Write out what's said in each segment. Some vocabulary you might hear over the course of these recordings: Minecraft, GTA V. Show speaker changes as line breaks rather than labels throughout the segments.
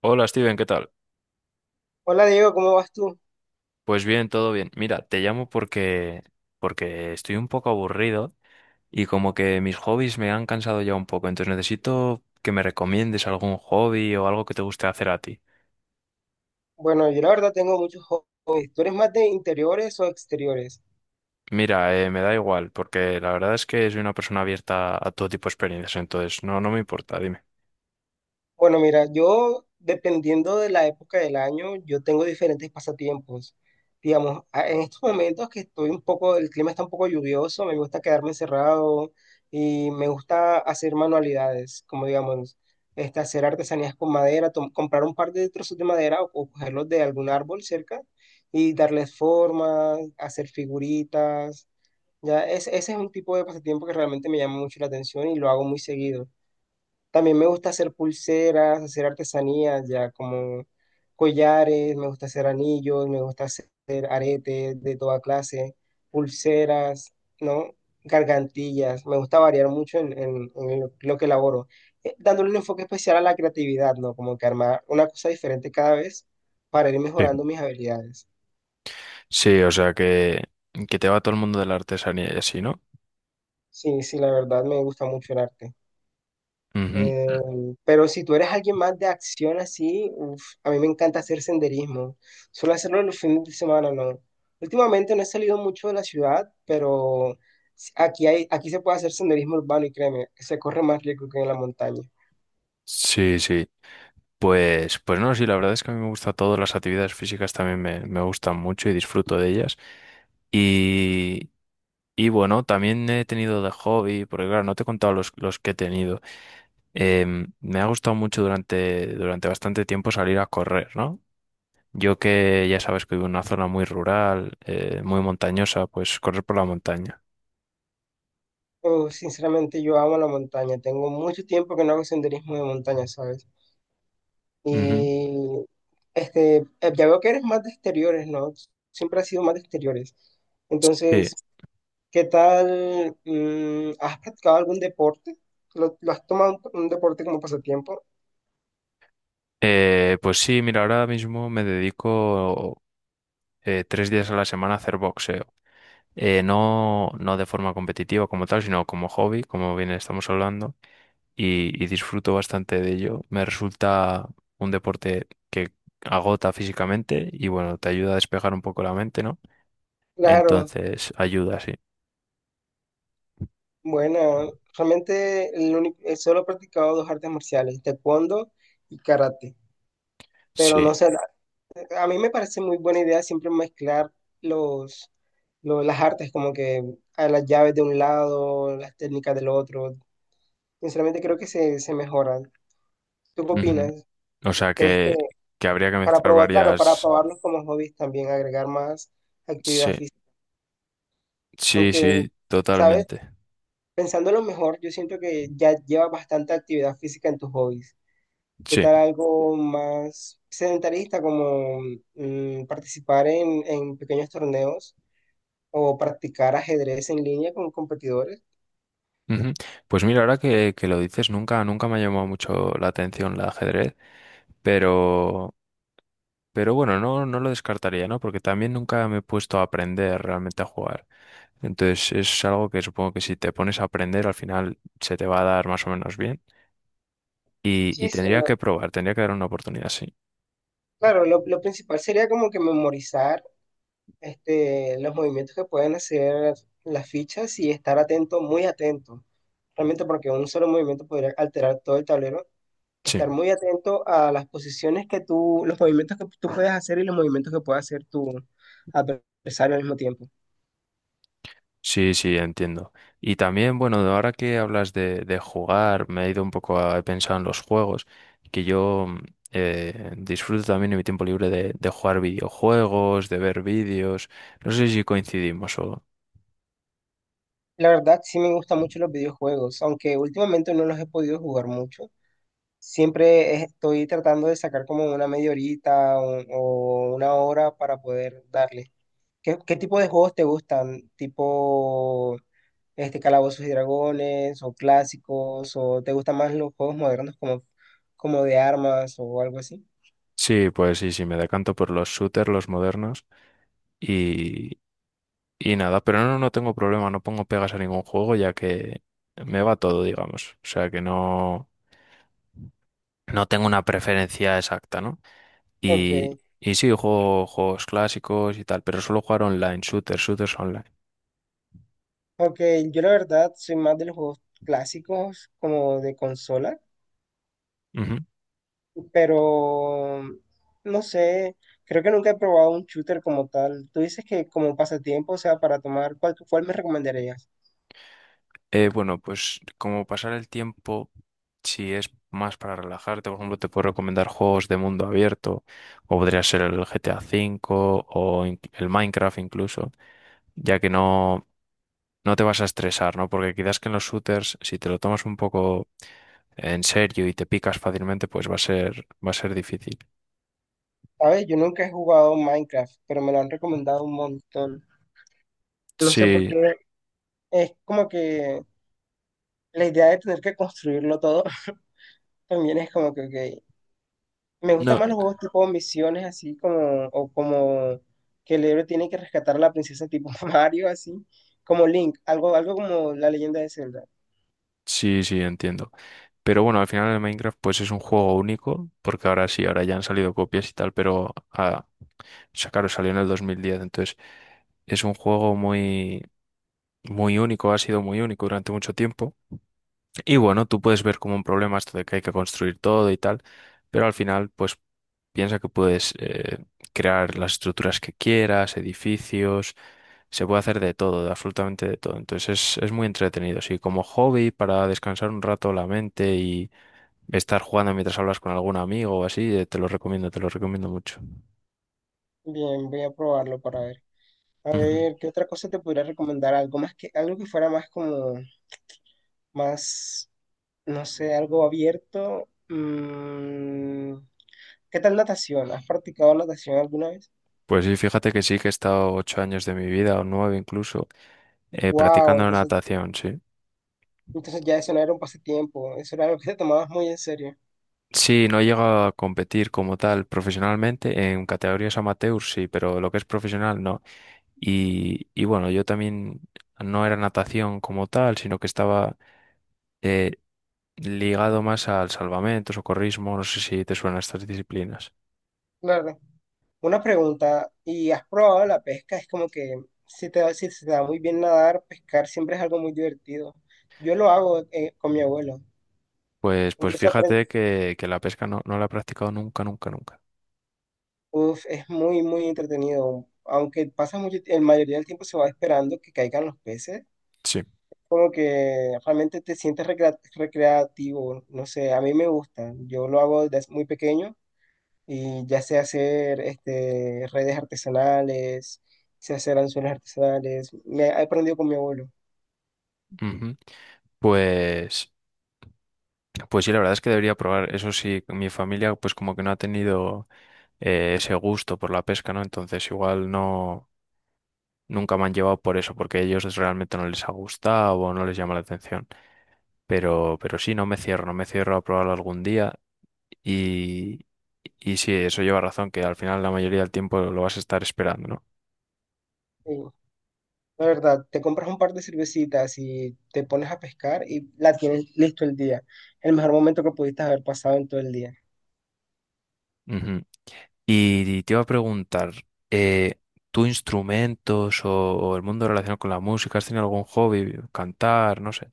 Hola Steven, ¿qué tal?
Hola Diego, ¿cómo vas tú?
Pues bien, todo bien. Mira, te llamo porque estoy un poco aburrido y como que mis hobbies me han cansado ya un poco, entonces necesito que me recomiendes algún hobby o algo que te guste hacer a ti.
Bueno, yo la verdad tengo muchos hobbies. ¿Tú eres más de interiores o exteriores?
Mira, me da igual, porque la verdad es que soy una persona abierta a todo tipo de experiencias, entonces no, no me importa, dime.
Bueno, mira, yo dependiendo de la época del año, yo tengo diferentes pasatiempos. Digamos, en estos momentos que estoy un poco, el clima está un poco lluvioso, me gusta quedarme encerrado y me gusta hacer manualidades, como digamos, hacer artesanías con madera, comprar un par de trozos de madera o cogerlos de algún árbol cerca y darles forma, hacer figuritas. Ya, es, ese es un tipo de pasatiempo que realmente me llama mucho la atención y lo hago muy seguido. También me gusta hacer pulseras, hacer artesanías, ya como collares, me gusta hacer anillos, me gusta hacer aretes de toda clase, pulseras, ¿no? Gargantillas. Me gusta variar mucho en lo que elaboro, dándole un enfoque especial a la creatividad, ¿no? Como que armar una cosa diferente cada vez para ir
Sí,
mejorando mis habilidades.
sí, o sea que te va todo el mundo de la artesanía y así, ¿no?
Sí, sí, la verdad me gusta mucho el arte.
Ujú.
Eh, pero si tú eres alguien más de acción así, uf, a mí me encanta hacer senderismo. Suelo hacerlo los fines de semana, no. Últimamente no he salido mucho de la ciudad, pero aquí hay, aquí se puede hacer senderismo urbano y créeme, se corre más rico que en la montaña.
Sí, sí. Pues no, sí, la verdad es que a mí me gusta todo, las actividades físicas también me gustan mucho y disfruto de ellas. Y, y bueno, también he tenido de hobby, porque claro, no te he contado los que he tenido. Me ha gustado mucho durante bastante tiempo salir a correr, ¿no? Yo que ya sabes que vivo en una zona muy rural, muy montañosa, pues correr por la montaña.
Uf, sinceramente yo amo la montaña. Tengo mucho tiempo que no hago senderismo de montaña, ¿sabes?
Ujú,
Y ya veo que eres más de exteriores, ¿no? Siempre has sido más de exteriores.
sí.
Entonces, ¿qué tal? ¿Has practicado algún deporte? Lo has tomado un deporte como pasatiempo?
Pues sí, mira, ahora mismo me dedico 3 días a la semana a hacer boxeo. No, no de forma competitiva como tal, sino como hobby, como bien estamos hablando, y disfruto bastante de ello. Me resulta un deporte que agota físicamente y bueno, te ayuda a despejar un poco la mente, ¿no?
Claro,
Entonces, ayuda, sí.
bueno, realmente solo he practicado dos artes marciales, taekwondo y karate. Pero no
Sí.
sé, a mí me parece muy buena idea siempre mezclar los, las artes, como que a las llaves de un lado, las técnicas del otro. Sinceramente creo que se mejoran. ¿Tú qué
Ujú.
opinas?
O sea
¿Crees que
que, habría que
para
mezclar
probar, claro, para
varias.
probarlos como hobbies también agregar más
Sí,
actividad física?
sí,
Aunque,
sí,
¿sabes?
totalmente.
Pensándolo mejor, yo siento que ya llevas bastante actividad física en tus hobbies. ¿Qué
Sí.
tal algo más sedentarista como participar en pequeños torneos o practicar ajedrez en línea con competidores?
Ujú. Pues mira, ahora que lo dices, nunca, nunca me ha llamado mucho la atención el ajedrez. Pero Pero bueno, no, no lo descartaría, ¿no? Porque también nunca me he puesto a aprender realmente a jugar. Entonces es algo que supongo que si te pones a aprender al final se te va a dar más o menos bien. Y,
Sí,
y
sí,
tendría que probar, tendría que dar una oportunidad, sí.
claro, lo principal sería como que memorizar los movimientos que pueden hacer las fichas y estar atento, muy atento. Realmente porque un solo movimiento podría alterar todo el tablero,
Sí,
estar muy atento a las posiciones que tú, los movimientos que tú puedes hacer y los movimientos que puede hacer tu adversario al mismo tiempo.
sí, sí, entiendo. Y también, bueno, ahora que hablas de jugar, me he ido un poco he pensado en los juegos, que yo disfruto también en mi tiempo libre de jugar videojuegos, de ver vídeos. No sé si coincidimos o...
La verdad, sí me gustan mucho los videojuegos, aunque últimamente no los he podido jugar mucho. Siempre estoy tratando de sacar como una media horita o, una hora para poder darle. Qué tipo de juegos te gustan? ¿Tipo Calabozos y Dragones o clásicos? ¿O te gustan más los juegos modernos como de armas o algo así?
Sí, pues sí, sí, me decanto por los shooters, los modernos y, y nada, pero no, no tengo problema, no pongo pegas a ningún juego ya que me va todo, digamos. O sea que no, no tengo una preferencia exacta, ¿no? Y,
Ok.
y sí, juego juegos clásicos y tal, pero solo jugar online, shooters, shooters online.
Ok, yo la verdad soy más de los juegos clásicos como de consola,
Ujú.
pero no sé, creo que nunca he probado un shooter como tal. Tú dices que como pasatiempo, o sea, para tomar, cuál me recomendarías?
Bueno, pues como pasar el tiempo, si es más para relajarte, por ejemplo, te puedo recomendar juegos de mundo abierto, o podría ser el GTA V o el Minecraft incluso ya que no, no te vas a estresar, ¿no? Porque quizás que en los shooters, si te lo tomas un poco en serio y te picas fácilmente, pues va a ser, difícil.
Sabes, yo nunca he jugado Minecraft, pero me lo han recomendado un montón. No sé por
Sí,
qué, es como que la idea de tener que construirlo todo también es como que, ok. Me gustan
no,
más los juegos tipo misiones, así como, o como que el héroe tiene que rescatar a la princesa tipo Mario, así, como Link, algo, algo como la leyenda de Zelda.
sí, sí, entiendo. Pero bueno, al final el Minecraft pues es un juego único, porque ahora sí, ahora ya han salido copias y tal, pero o sea, claro, salió en el 2010, entonces es un juego muy, muy único, ha sido muy único durante mucho tiempo. Y bueno, tú puedes ver como un problema esto de que hay que construir todo y tal, pero al final, pues piensa que puedes crear las estructuras que quieras, edificios, se puede hacer de todo, de absolutamente de todo. Entonces es muy entretenido, sí, como hobby para descansar un rato la mente y estar jugando mientras hablas con algún amigo o así, te lo recomiendo mucho.
Bien, voy a probarlo para ver. A
Ujú.
ver, ¿qué otra cosa te podría recomendar? Algo más que, algo que fuera más como, más, no sé, algo abierto. Mm, ¿qué tal natación? ¿Has practicado natación alguna vez?
Pues sí, fíjate que sí, que he estado 8 años de mi vida o 9 incluso
Wow,
practicando
entonces,
natación, sí.
entonces ya eso no era un pasatiempo, eso era algo que te tomabas muy en serio.
Sí, no llega a competir como tal profesionalmente. En categorías amateur sí, pero lo que es profesional no. Y bueno, yo también no era natación como tal, sino que estaba eh, ligado más al salvamento, socorrismo, no sé si te suenan estas disciplinas.
Claro. Una pregunta, ¿y has probado la pesca? Es como que si se te da muy bien nadar, pescar siempre es algo muy divertido. Yo lo hago con mi abuelo.
Pues
Incluso aprend-
fíjate que la pesca no, no la he practicado nunca, nunca, nunca.
Uf, es muy, muy entretenido. Aunque pasa mucho, la mayoría del tiempo se va esperando que caigan los peces.
Sí.
Como que realmente te sientes recreativo. No sé, a mí me gusta. Yo lo hago desde muy pequeño y ya sé hacer redes artesanales, sé hacer anzuelos artesanales. Me he aprendido con mi abuelo.
Ujú. Pues, Pues sí, la verdad es que debería probar. Eso sí, mi familia pues como que no ha tenido ese gusto por la pesca, ¿no? Entonces igual no, nunca me han llevado por eso, porque a ellos realmente no les ha gustado o no les llama la atención. Pero sí, no me cierro, no me cierro a probarlo algún día. Y, y sí, eso lleva razón, que al final la mayoría del tiempo lo vas a estar esperando, ¿no?
Sí, la verdad, te compras un par de cervecitas y te pones a pescar y la tienes listo el día. El mejor momento que pudiste haber pasado en todo el día.
Ujú. Y te iba a preguntar, eh, ¿tú instrumentos o el mundo relacionado con la música? ¿Has tenido algún hobby? ¿Cantar? No sé.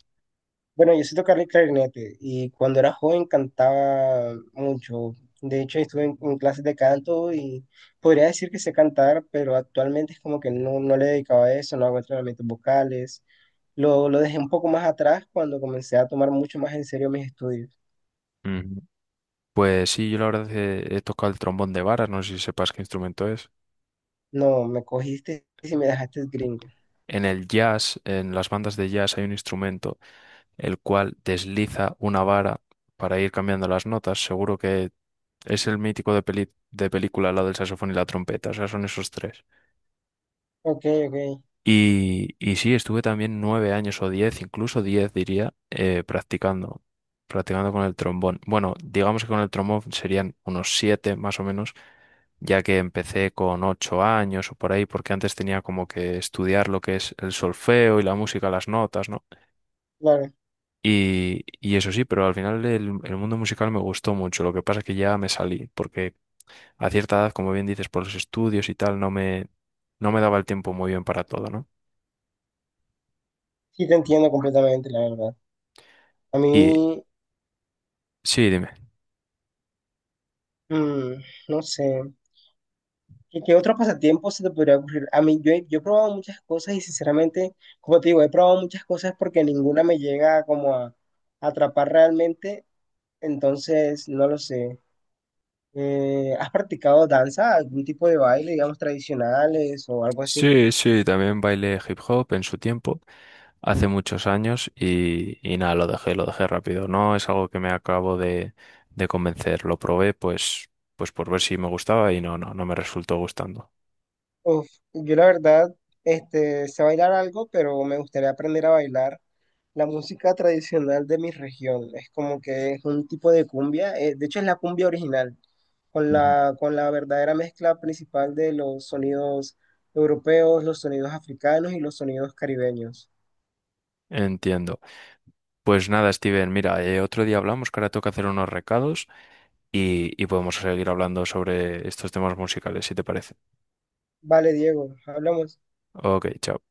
Bueno, yo sé tocar el clarinete y cuando era joven cantaba mucho. De hecho, estuve en clases de canto y podría decir que sé cantar, pero actualmente es como que no, no le dedicaba a eso, no hago entrenamientos vocales. Lo dejé un poco más atrás cuando comencé a tomar mucho más en serio mis estudios.
Ujú. Pues sí, yo la verdad he tocado el trombón de vara, no sé si sepas qué instrumento es.
No, me cogiste y me dejaste gringo.
En el jazz, en las bandas de jazz hay un instrumento el cual desliza una vara para ir cambiando las notas. Seguro que es el mítico de de película, la del saxofón y la trompeta, o sea, son esos tres.
Ok, ok,
Y sí, estuve también 9 años o 10, incluso 10 diría, practicando con el trombón. Bueno, digamos que con el trombón serían unos 7 más o menos, ya que empecé con 8 años o por ahí, porque antes tenía como que estudiar lo que es el solfeo y la música, las notas, ¿no?
claro.
Y eso sí, pero al final el mundo musical me gustó mucho. Lo que pasa es que ya me salí, porque a cierta edad, como bien dices, por los estudios y tal, no me daba el tiempo muy bien para todo, ¿no?
Sí, te entiendo completamente, la verdad. A
Y
mí,
sí, dime.
mm, no sé, qué otro pasatiempo se te podría ocurrir? A mí, yo he probado muchas cosas y sinceramente, como te digo, he probado muchas cosas porque ninguna me llega como a atrapar realmente, entonces, no lo sé. ¿Has practicado danza, algún tipo de baile, digamos, tradicionales o algo así?
Sí, sí, también bailé hip hop en su tiempo, hace muchos años, y nada, lo dejé rápido. No es algo que me acabo de convencer. Lo probé pues por ver si me gustaba y no, no, no me resultó gustando.
Uf, yo la verdad, sé bailar algo, pero me gustaría aprender a bailar la música tradicional de mi región. Es como que es un tipo de cumbia, de hecho es la cumbia original,
Ujú.
con la verdadera mezcla principal de los sonidos europeos, los sonidos africanos y los sonidos caribeños.
Entiendo. Pues nada, Steven, mira, otro día hablamos, que ahora toca hacer unos recados y podemos seguir hablando sobre estos temas musicales, si te parece.
Vale, Diego, hablamos.
Ok, chao.